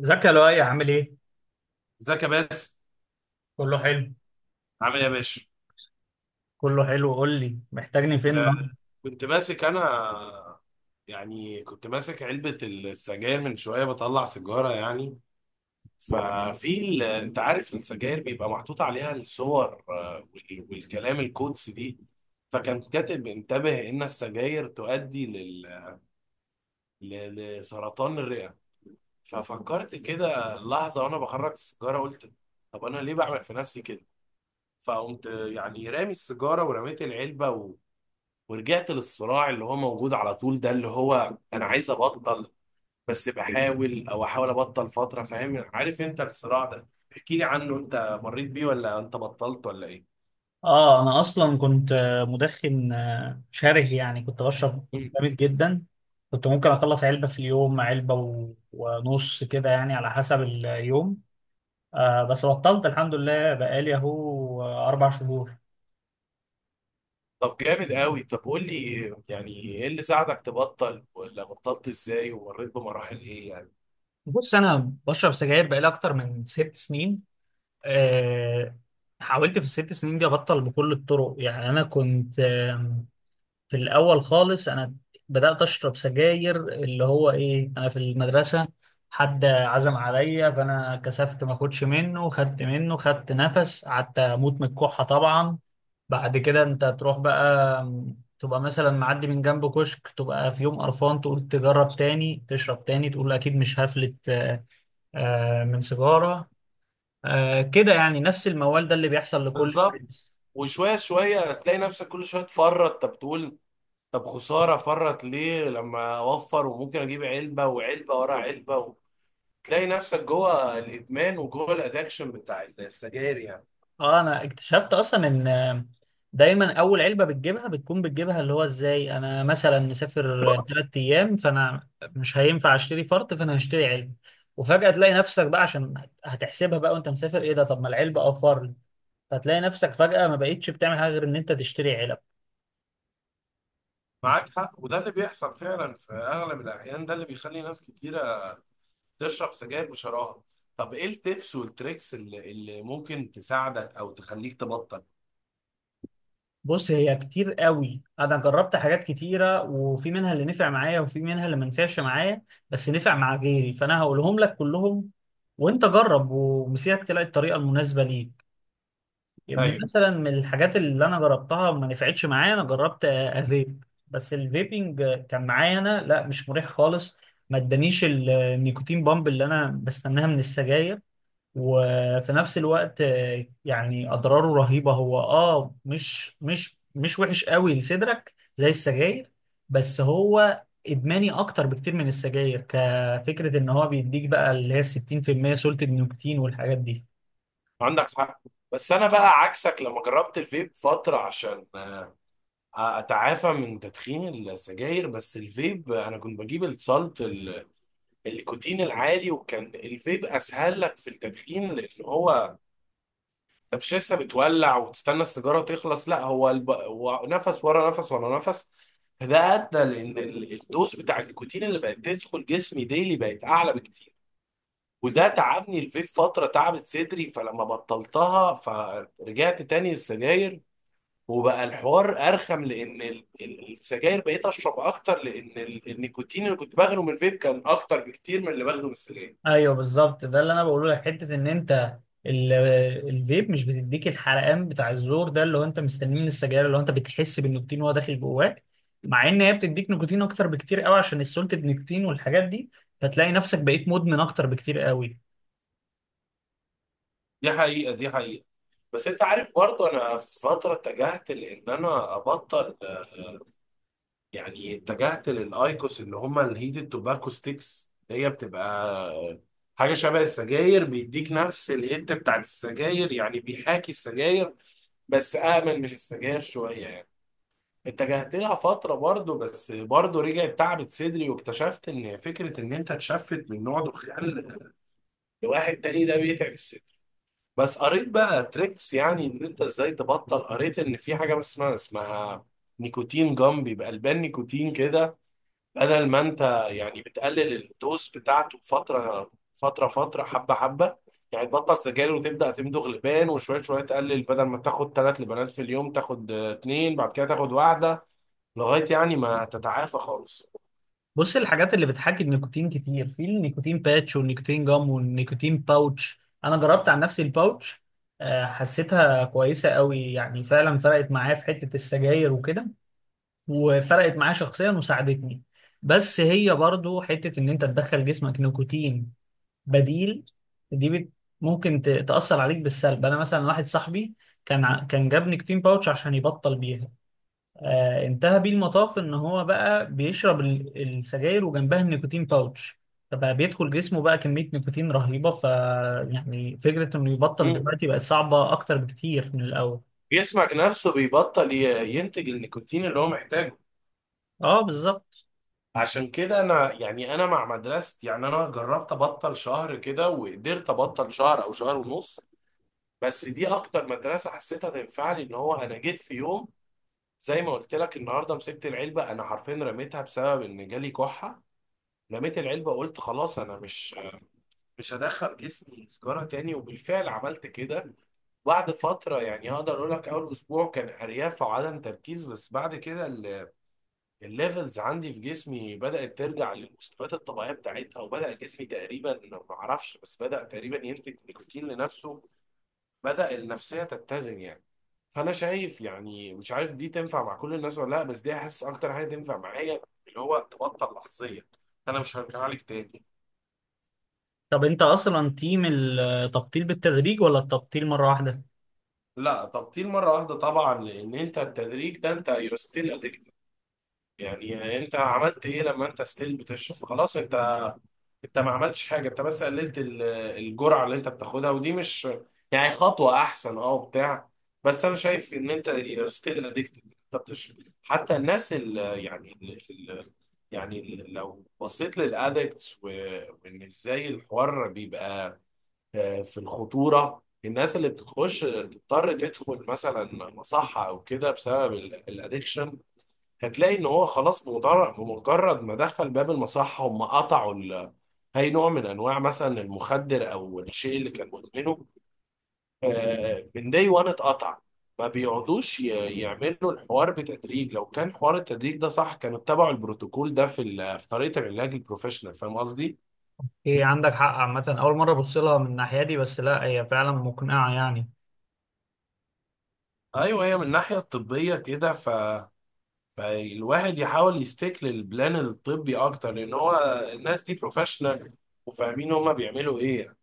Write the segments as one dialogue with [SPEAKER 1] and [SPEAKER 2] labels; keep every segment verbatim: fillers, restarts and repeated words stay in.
[SPEAKER 1] ازيك يا لؤي، عامل ايه؟
[SPEAKER 2] ازيك يا باسم.
[SPEAKER 1] كله حلو.
[SPEAKER 2] عامل ايه يا باشا؟
[SPEAKER 1] كله حلو، قول لي محتاجني فين
[SPEAKER 2] آه
[SPEAKER 1] النهارده؟
[SPEAKER 2] كنت ماسك انا. يعني كنت ماسك علبة السجاير من شوية بطلع سيجارة يعني. ففي ال- انت عارف السجاير بيبقى محطوط عليها الصور آه، وال- والكلام القدسي دي. فكان كاتب انتبه ان السجاير تؤدي لل... ل- لسرطان الرئة. ففكرت كده لحظة وانا بخرج السيجارة قلت طب انا ليه بعمل في نفسي كده؟ فقمت يعني رامي السيجارة ورميت العلبة، ورجعت للصراع اللي هو موجود على طول ده، اللي هو انا عايز ابطل بس بحاول او احاول ابطل فترة. فاهم عارف انت الصراع ده؟ احكي لي عنه، انت مريت بيه ولا انت بطلت ولا ايه؟
[SPEAKER 1] اه، انا اصلا كنت آه، مدخن آه، شره، يعني كنت بشرب
[SPEAKER 2] مم.
[SPEAKER 1] جامد جدا. كنت ممكن اخلص علبة في اليوم، علبة و- ونص كده يعني، على حسب اليوم. آه، بس بطلت الحمد لله، بقالي اهو آه، اربع شهور.
[SPEAKER 2] طب جامد قوي. طب قول لي، يعني ايه اللي ساعدك تبطل ولا بطلت ازاي ومريت بمراحل ايه يعني؟
[SPEAKER 1] بص، انا بشرب سجاير بقالي اكتر من ست سنين. آه. حاولت في الست سنين دي ابطل بكل الطرق، يعني انا كنت آم، في الأول خالص أنا بدأت أشرب سجاير، اللي هو إيه، أنا في المدرسة حد عزم عليا، فأنا كسفت ما أخدش منه، خدت منه، خدت نفس، قعدت أموت من الكحة طبعا. بعد كده أنت تروح بقى، م، تبقى مثلا معدي من جنب كشك، تبقى في يوم قرفان، تقول تجرب تاني، تشرب تاني، تقول أكيد مش هفلت آه، آه، من سيجارة. آه، كده يعني نفس الموال ده اللي بيحصل لكل
[SPEAKER 2] بالظبط.
[SPEAKER 1] الناس.
[SPEAKER 2] وشوية شوية تلاقي نفسك كل شوية تفرط. طب تقول طب خسارة، فرط ليه لما اوفر وممكن اجيب علبة وعلبة ورا علبة. تلاقي نفسك جوه الادمان وجوه الادكشن بتاع السجاير يعني.
[SPEAKER 1] اه، انا اكتشفت اصلا ان دايما اول علبه بتجيبها، بتكون بتجيبها اللي هو ازاي، انا مثلا مسافر ثلاث ايام، فانا مش هينفع اشتري فرط، فانا هشتري علبه. وفجاه تلاقي نفسك بقى، عشان هتحسبها بقى وانت مسافر، ايه ده طب ما العلبه اه فرد. فتلاقي نفسك فجاه ما بقيتش بتعمل حاجه غير ان انت تشتري علب.
[SPEAKER 2] معاك حق، وده اللي بيحصل فعلا في اغلب الاحيان، ده اللي بيخلي ناس كتيره تشرب سجاير بشراهه. طب ايه التبس والتريكس اللي, اللي ممكن تساعدك او تخليك تبطل؟
[SPEAKER 1] بص، هي كتير قوي، انا جربت حاجات كتيره، وفي منها اللي نفع معايا وفي منها اللي ما نفعش معايا، بس نفع مع غيري، فانا هقولهم لك كلهم، وانت جرب ومسيرك تلاقي الطريقه المناسبه ليك. يبقى
[SPEAKER 2] ايوه
[SPEAKER 1] مثلا من الحاجات اللي انا جربتها ما نفعتش معايا، انا جربت آه، افيب، بس الفيبنج آه، كان معايا انا لا، مش مريح خالص. ما ادانيش ال- النيكوتين بامب اللي انا بستناها من السجاير، وفي نفس الوقت آه، يعني اضراره رهيبة. هو اه مش مش مش وحش قوي لصدرك زي السجاير، بس هو ادماني اكتر بكتير من السجاير، كفكرة ان هو بيديك بقى اللي هي ستين في المية سلطة نيكوتين والحاجات دي.
[SPEAKER 2] عندك حق. بس انا بقى عكسك لما جربت الفيب فتره عشان آه، اتعافى من تدخين السجاير. بس الفيب انا كنت بجيب السالت ال- النيكوتين العالي، وكان الفيب اسهل لك في التدخين لان هو انت مش لسه بتولع وتستنى السيجاره تخلص، لا هو الب... هو نفس ورا نفس ورا نفس. فده ادى لان ال- الدوز بتاع النيكوتين اللي بقت تدخل جسمي ديلي بقت اعلى بكتير. وده تعبني الفيب فتره، تعبت صدري، فلما بطلتها فرجعت تاني السجاير. وبقى الحوار ارخم لان ال- ال- السجاير بقيت اشرب اكتر، لان ال- النيكوتين اللي كنت باخده من الفيب كان اكتر بكتير من اللي باخده من السجاير.
[SPEAKER 1] ايوه بالظبط، ده اللي انا بقوله لك، حته ان انت ال- الفيب مش بتديك الحرقان بتاع الزور، ده اللي هو انت مستنيه من السجاير، اللي هو انت بتحس بالنيكوتين وهو داخل جواك، مع ان هي بتديك نيكوتين اكتر بكتير قوي عشان السولتد نيكوتين والحاجات دي. فتلاقي نفسك بقيت مدمن اكتر بكتير قوي.
[SPEAKER 2] دي حقيقه دي حقيقه بس انت عارف برضه انا في فتره اتجهت لان انا ابطل، آه، يعني اتجهت للايكوس اللي هم الهيدد توباكو ستيكس، اللي هي بتبقى آه، حاجه شبه السجاير، بيديك نفس الهيت بتاعت السجاير يعني، بيحاكي السجاير بس امن مش السجاير شويه يعني. اتجهت لها فتره برضه، بس برضه رجعت، تعبت صدري، واكتشفت ان فكره ان انت تشفت من نوع دخان لواحد تاني ده بيتعب الصدر. بس قريت بقى تريكس يعني ان انت ازاي تبطل. قريت ان في حاجه بس اسمها اسمها نيكوتين جام، بيبقى البان نيكوتين كده، بدل ما انت يعني بتقلل الدوز بتاعته فتره فتره فتره، حبه حبه. يعني تبطل سجاير وتبدا تمضغ لبان، وشويه شويه تقلل، بدل ما تاخد ثلاث لبانات في اليوم تاخد آه، اتنين، بعد كده تاخد واحده، لغايه يعني ما تتعافى خالص.
[SPEAKER 1] بص، الحاجات اللي بتحاكي النيكوتين كتير، في النيكوتين باتش والنيكوتين جام والنيكوتين باوتش. انا جربت عن نفسي الباوتش، آه، حسيتها كويسه قوي يعني، فعلا فرقت معايا في حته السجاير وكده، وفرقت معايا شخصيا وساعدتني. بس هي برضو حتة ان انت تدخل جسمك نيكوتين بديل، دي بت ممكن ت- تأثر عليك بالسلب. انا مثلا واحد صاحبي كان ع- كان جاب نيكوتين باوتش عشان يبطل بيها. آه، انتهى بيه المطاف ان هو بقى بيشرب ال- السجاير وجنبها النيكوتين باوتش، فبقى بيدخل جسمه بقى كمية نيكوتين رهيبة. ف، يعني فكرة انه يبطل
[SPEAKER 2] مم.
[SPEAKER 1] دلوقتي بقت صعبة اكتر بكتير من الاول.
[SPEAKER 2] جسمك نفسه بيبطل ي- ينتج النيكوتين اللي هو محتاجه.
[SPEAKER 1] اه بالظبط.
[SPEAKER 2] عشان كده انا يعني انا مع مدرستي، يعني انا جربت ابطل شهر كده وقدرت ابطل شهر او شهر ونص. بس دي اكتر مدرسة حسيتها تنفع لي، ان هو انا جيت في يوم زي ما قلت لك النهارده، مسكت العلبة انا حرفيا رميتها بسبب ان جالي كحة. رميت العلبة قلت خلاص انا مش مش هدخل جسمي سجارة تاني، وبالفعل عملت كده. بعد فترة يعني اقدر اقول لك اول اسبوع كان ارياف وعدم تركيز، بس بعد كده الليفلز عندي في جسمي بدأت ترجع للمستويات الطبيعية بتاعتها، وبدأ جسمي تقريبا ما اعرفش بس بدأ تقريبا ينتج نيكوتين لنفسه، بدأ النفسية تتزن يعني. فأنا شايف يعني مش عارف دي تنفع مع كل الناس ولا لا، بس دي حاسس أكتر حاجة تنفع معايا، اللي هو تبطل لحظيا. أنا مش هرجع لك تاني.
[SPEAKER 1] طب انت اصلا تيم التبطيل بالتدريج ولا التبطيل مرة واحدة؟
[SPEAKER 2] لا، تبطيل مرة واحدة طبعا، لأن أنت التدريج ده أنت يو ستيل أدكتد. يعني أنت عملت إيه لما أنت ستيل بتشرب؟ خلاص أنت، انت ما عملتش حاجه، انت بس قللت ال- الجرعه اللي انت بتاخدها، ودي مش يعني خطوه احسن اه وبتاع، بس انا شايف ان انت ستيل اديكتد، انت بتشرب. حتى الناس اللي يعني اللي يعني ال- لو بصيت للادكتس وان ازاي الحوار بيبقى، آه، في الخطوره، الناس اللي بتخش تضطر تدخل مثلا مصحه او كده بسبب الادكشن، هتلاقي ان هو خلاص بمجرد بمجرد ما دخل باب المصحة هم قطعوا ال... اي نوع من انواع مثلا المخدر او الشيء اللي كان مدمنه، آه، من داي وان اتقطع. ما بيقعدوش ي- يعملوا الحوار بتدريج. لو كان حوار التدريج ده صح كانوا اتبعوا البروتوكول ده في ال... في طريقة العلاج البروفيشنال. فاهم قصدي؟
[SPEAKER 1] ايه، عندك حق. عامة أول مرة أبص لها من الناحية دي، بس لا هي فعلا مقنعة يعني.
[SPEAKER 2] ايوه، هي من الناحية الطبية كده ف، فالواحد يحاول يستيك للبلان الطبي اكتر، لان هو الناس دي بروفيشنال وفاهمين هما بيعملوا ايه.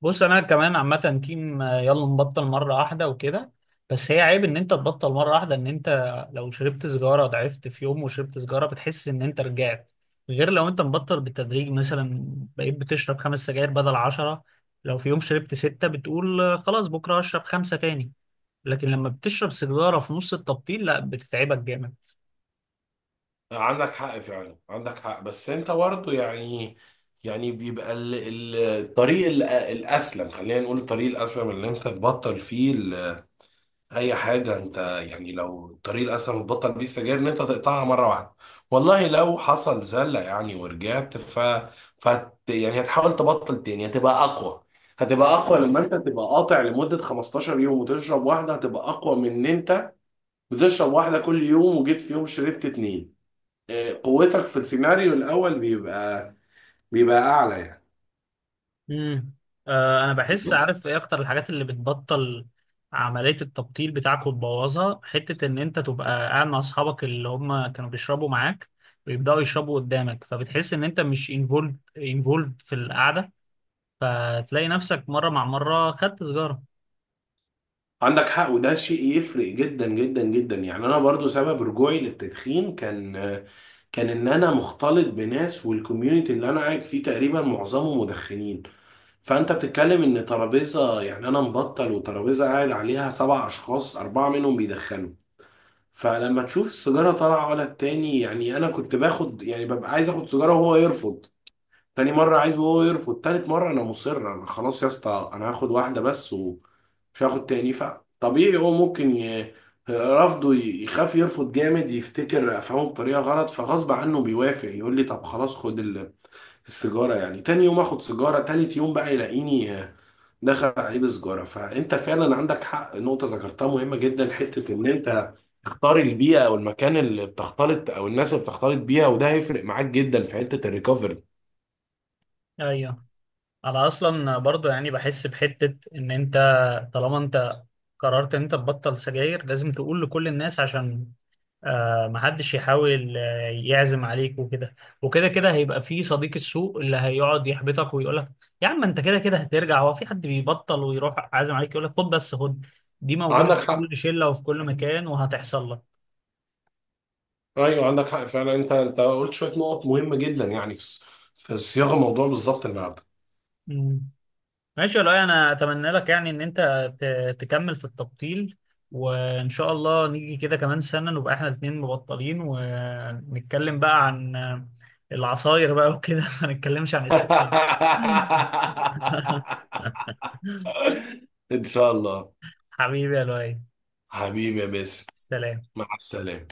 [SPEAKER 1] بص، أنا كمان عامة تيم، آه، يلا نبطل مرة واحدة وكده. بس هي عيب إن أنت تبطل مرة واحدة، إن أنت لو شربت سيجارة، ضعفت في يوم وشربت سيجارة، بتحس إن أنت رجعت. غير لو أنت مبطل بالتدريج، مثلا بقيت بتشرب خمس سجاير بدل عشرة، لو في يوم شربت ستة بتقول آه، خلاص بكرة هشرب خمسة تاني. لكن لما بتشرب سيجارة في نص التبطيل، لا، بتتعبك جامد.
[SPEAKER 2] عندك حق فعلا، عندك حق. بس انت برضه يعني، يعني بيبقى ال- ال- الطريق ال- الاسلم، خلينا نقول الطريق الاسلم اللي انت تبطل فيه ال- اي حاجه. انت يعني لو الطريق الاسلم اللي تبطل بيه السجاير ان انت تقطعها مره واحده، والله لو حصل زله يعني ورجعت ف, ف، يعني هتحاول تبطل تاني هتبقى اقوى. هتبقى اقوى لما انت تبقى قاطع لمده خمستاشر يوم وتشرب واحده، هتبقى اقوى من ان انت بتشرب واحده كل يوم وجيت في يوم شربت اتنين. قوتك في السيناريو الاول بيبقى بيبقى اعلى يعني.
[SPEAKER 1] امم. آه، انا بحس عارف ايه اكتر الحاجات اللي بتبطل عملية التبطيل بتاعك وتبوظها، حتة ان انت تبقى قاعد مع اصحابك اللي هم كانوا بيشربوا معاك، ويبدأوا يشربوا قدامك، فبتحس ان انت مش انفولد، انفولد في القعدة، فتلاقي نفسك مرة مع مرة خدت سيجارة.
[SPEAKER 2] عندك حق، وده شيء يفرق جدا جدا جدا يعني. انا برضو سبب رجوعي للتدخين كان كان ان انا مختلط بناس، والكوميونتي اللي انا قاعد فيه تقريبا معظمه مدخنين. فانت بتتكلم ان ترابيزه، يعني انا مبطل وترابيزه قاعد عليها سبع اشخاص اربعه منهم بيدخنوا. فلما تشوف السيجاره طالعه ولا التاني، يعني انا كنت باخد يعني ببقى عايز اخد سيجاره وهو يرفض، تاني مرة عايزه هو يرفض، تالت مرة أنا مصر أنا خلاص يا اسطى أنا هاخد واحدة بس ومش هاخد تاني. فطبيعي هو ممكن ي... رفضه ي- يخاف يرفض جامد، يفتكر أفهمه بطريقة غلط، فغصب عنه بيوافق يقول لي طب خلاص خد ال- السيجارة. يعني تاني يوم آخد سيجارة، تالت يوم بقى يلاقيني آه، دخل عليه بسجارة. فأنت فعلا عندك حق، نقطة ذكرتها مهمة جدا، حتة إن أنت تختار البيئة أو المكان اللي بتختلط أو الناس اللي بتختلط بيها، وده هيفرق معاك جدا في حتة الريكفري.
[SPEAKER 1] ايوه، انا اصلا برضو يعني بحس بحتة ان انت، طالما انت قررت ان انت تبطل سجاير، لازم تقول لكل الناس، عشان آه محدش يحاول آه، يعزم عليك وكده. وكده كده هيبقى في صديق السوق اللي هيقعد يحبطك ويقول لك يا عم انت كده كده هترجع. هو في حد بيبطل ويروح عازم عليك يقول لك خد بس خد؟ دي موجودة
[SPEAKER 2] عندك
[SPEAKER 1] في
[SPEAKER 2] حق.
[SPEAKER 1] كل شلة وفي كل مكان وهتحصل لك.
[SPEAKER 2] ايوه عندك حق فعلا، انت انت قلت شويه نقط مهمه جدا يعني في في صياغه الموضوع بالظبط النهارده.
[SPEAKER 1] مم. ماشي والله، انا اتمنى لك يعني ان انت ت- تكمل في التبطيل، وان شاء الله نيجي كده كمان سنة نبقى احنا الاتنين مبطلين ونتكلم بقى عن آه، العصاير بقى وكده ما نتكلمش عن السكين
[SPEAKER 2] ان شاء الله.
[SPEAKER 1] حبيبي يا لؤي،
[SPEAKER 2] حبيبي يا باسم.
[SPEAKER 1] سلام.
[SPEAKER 2] مع السلامه.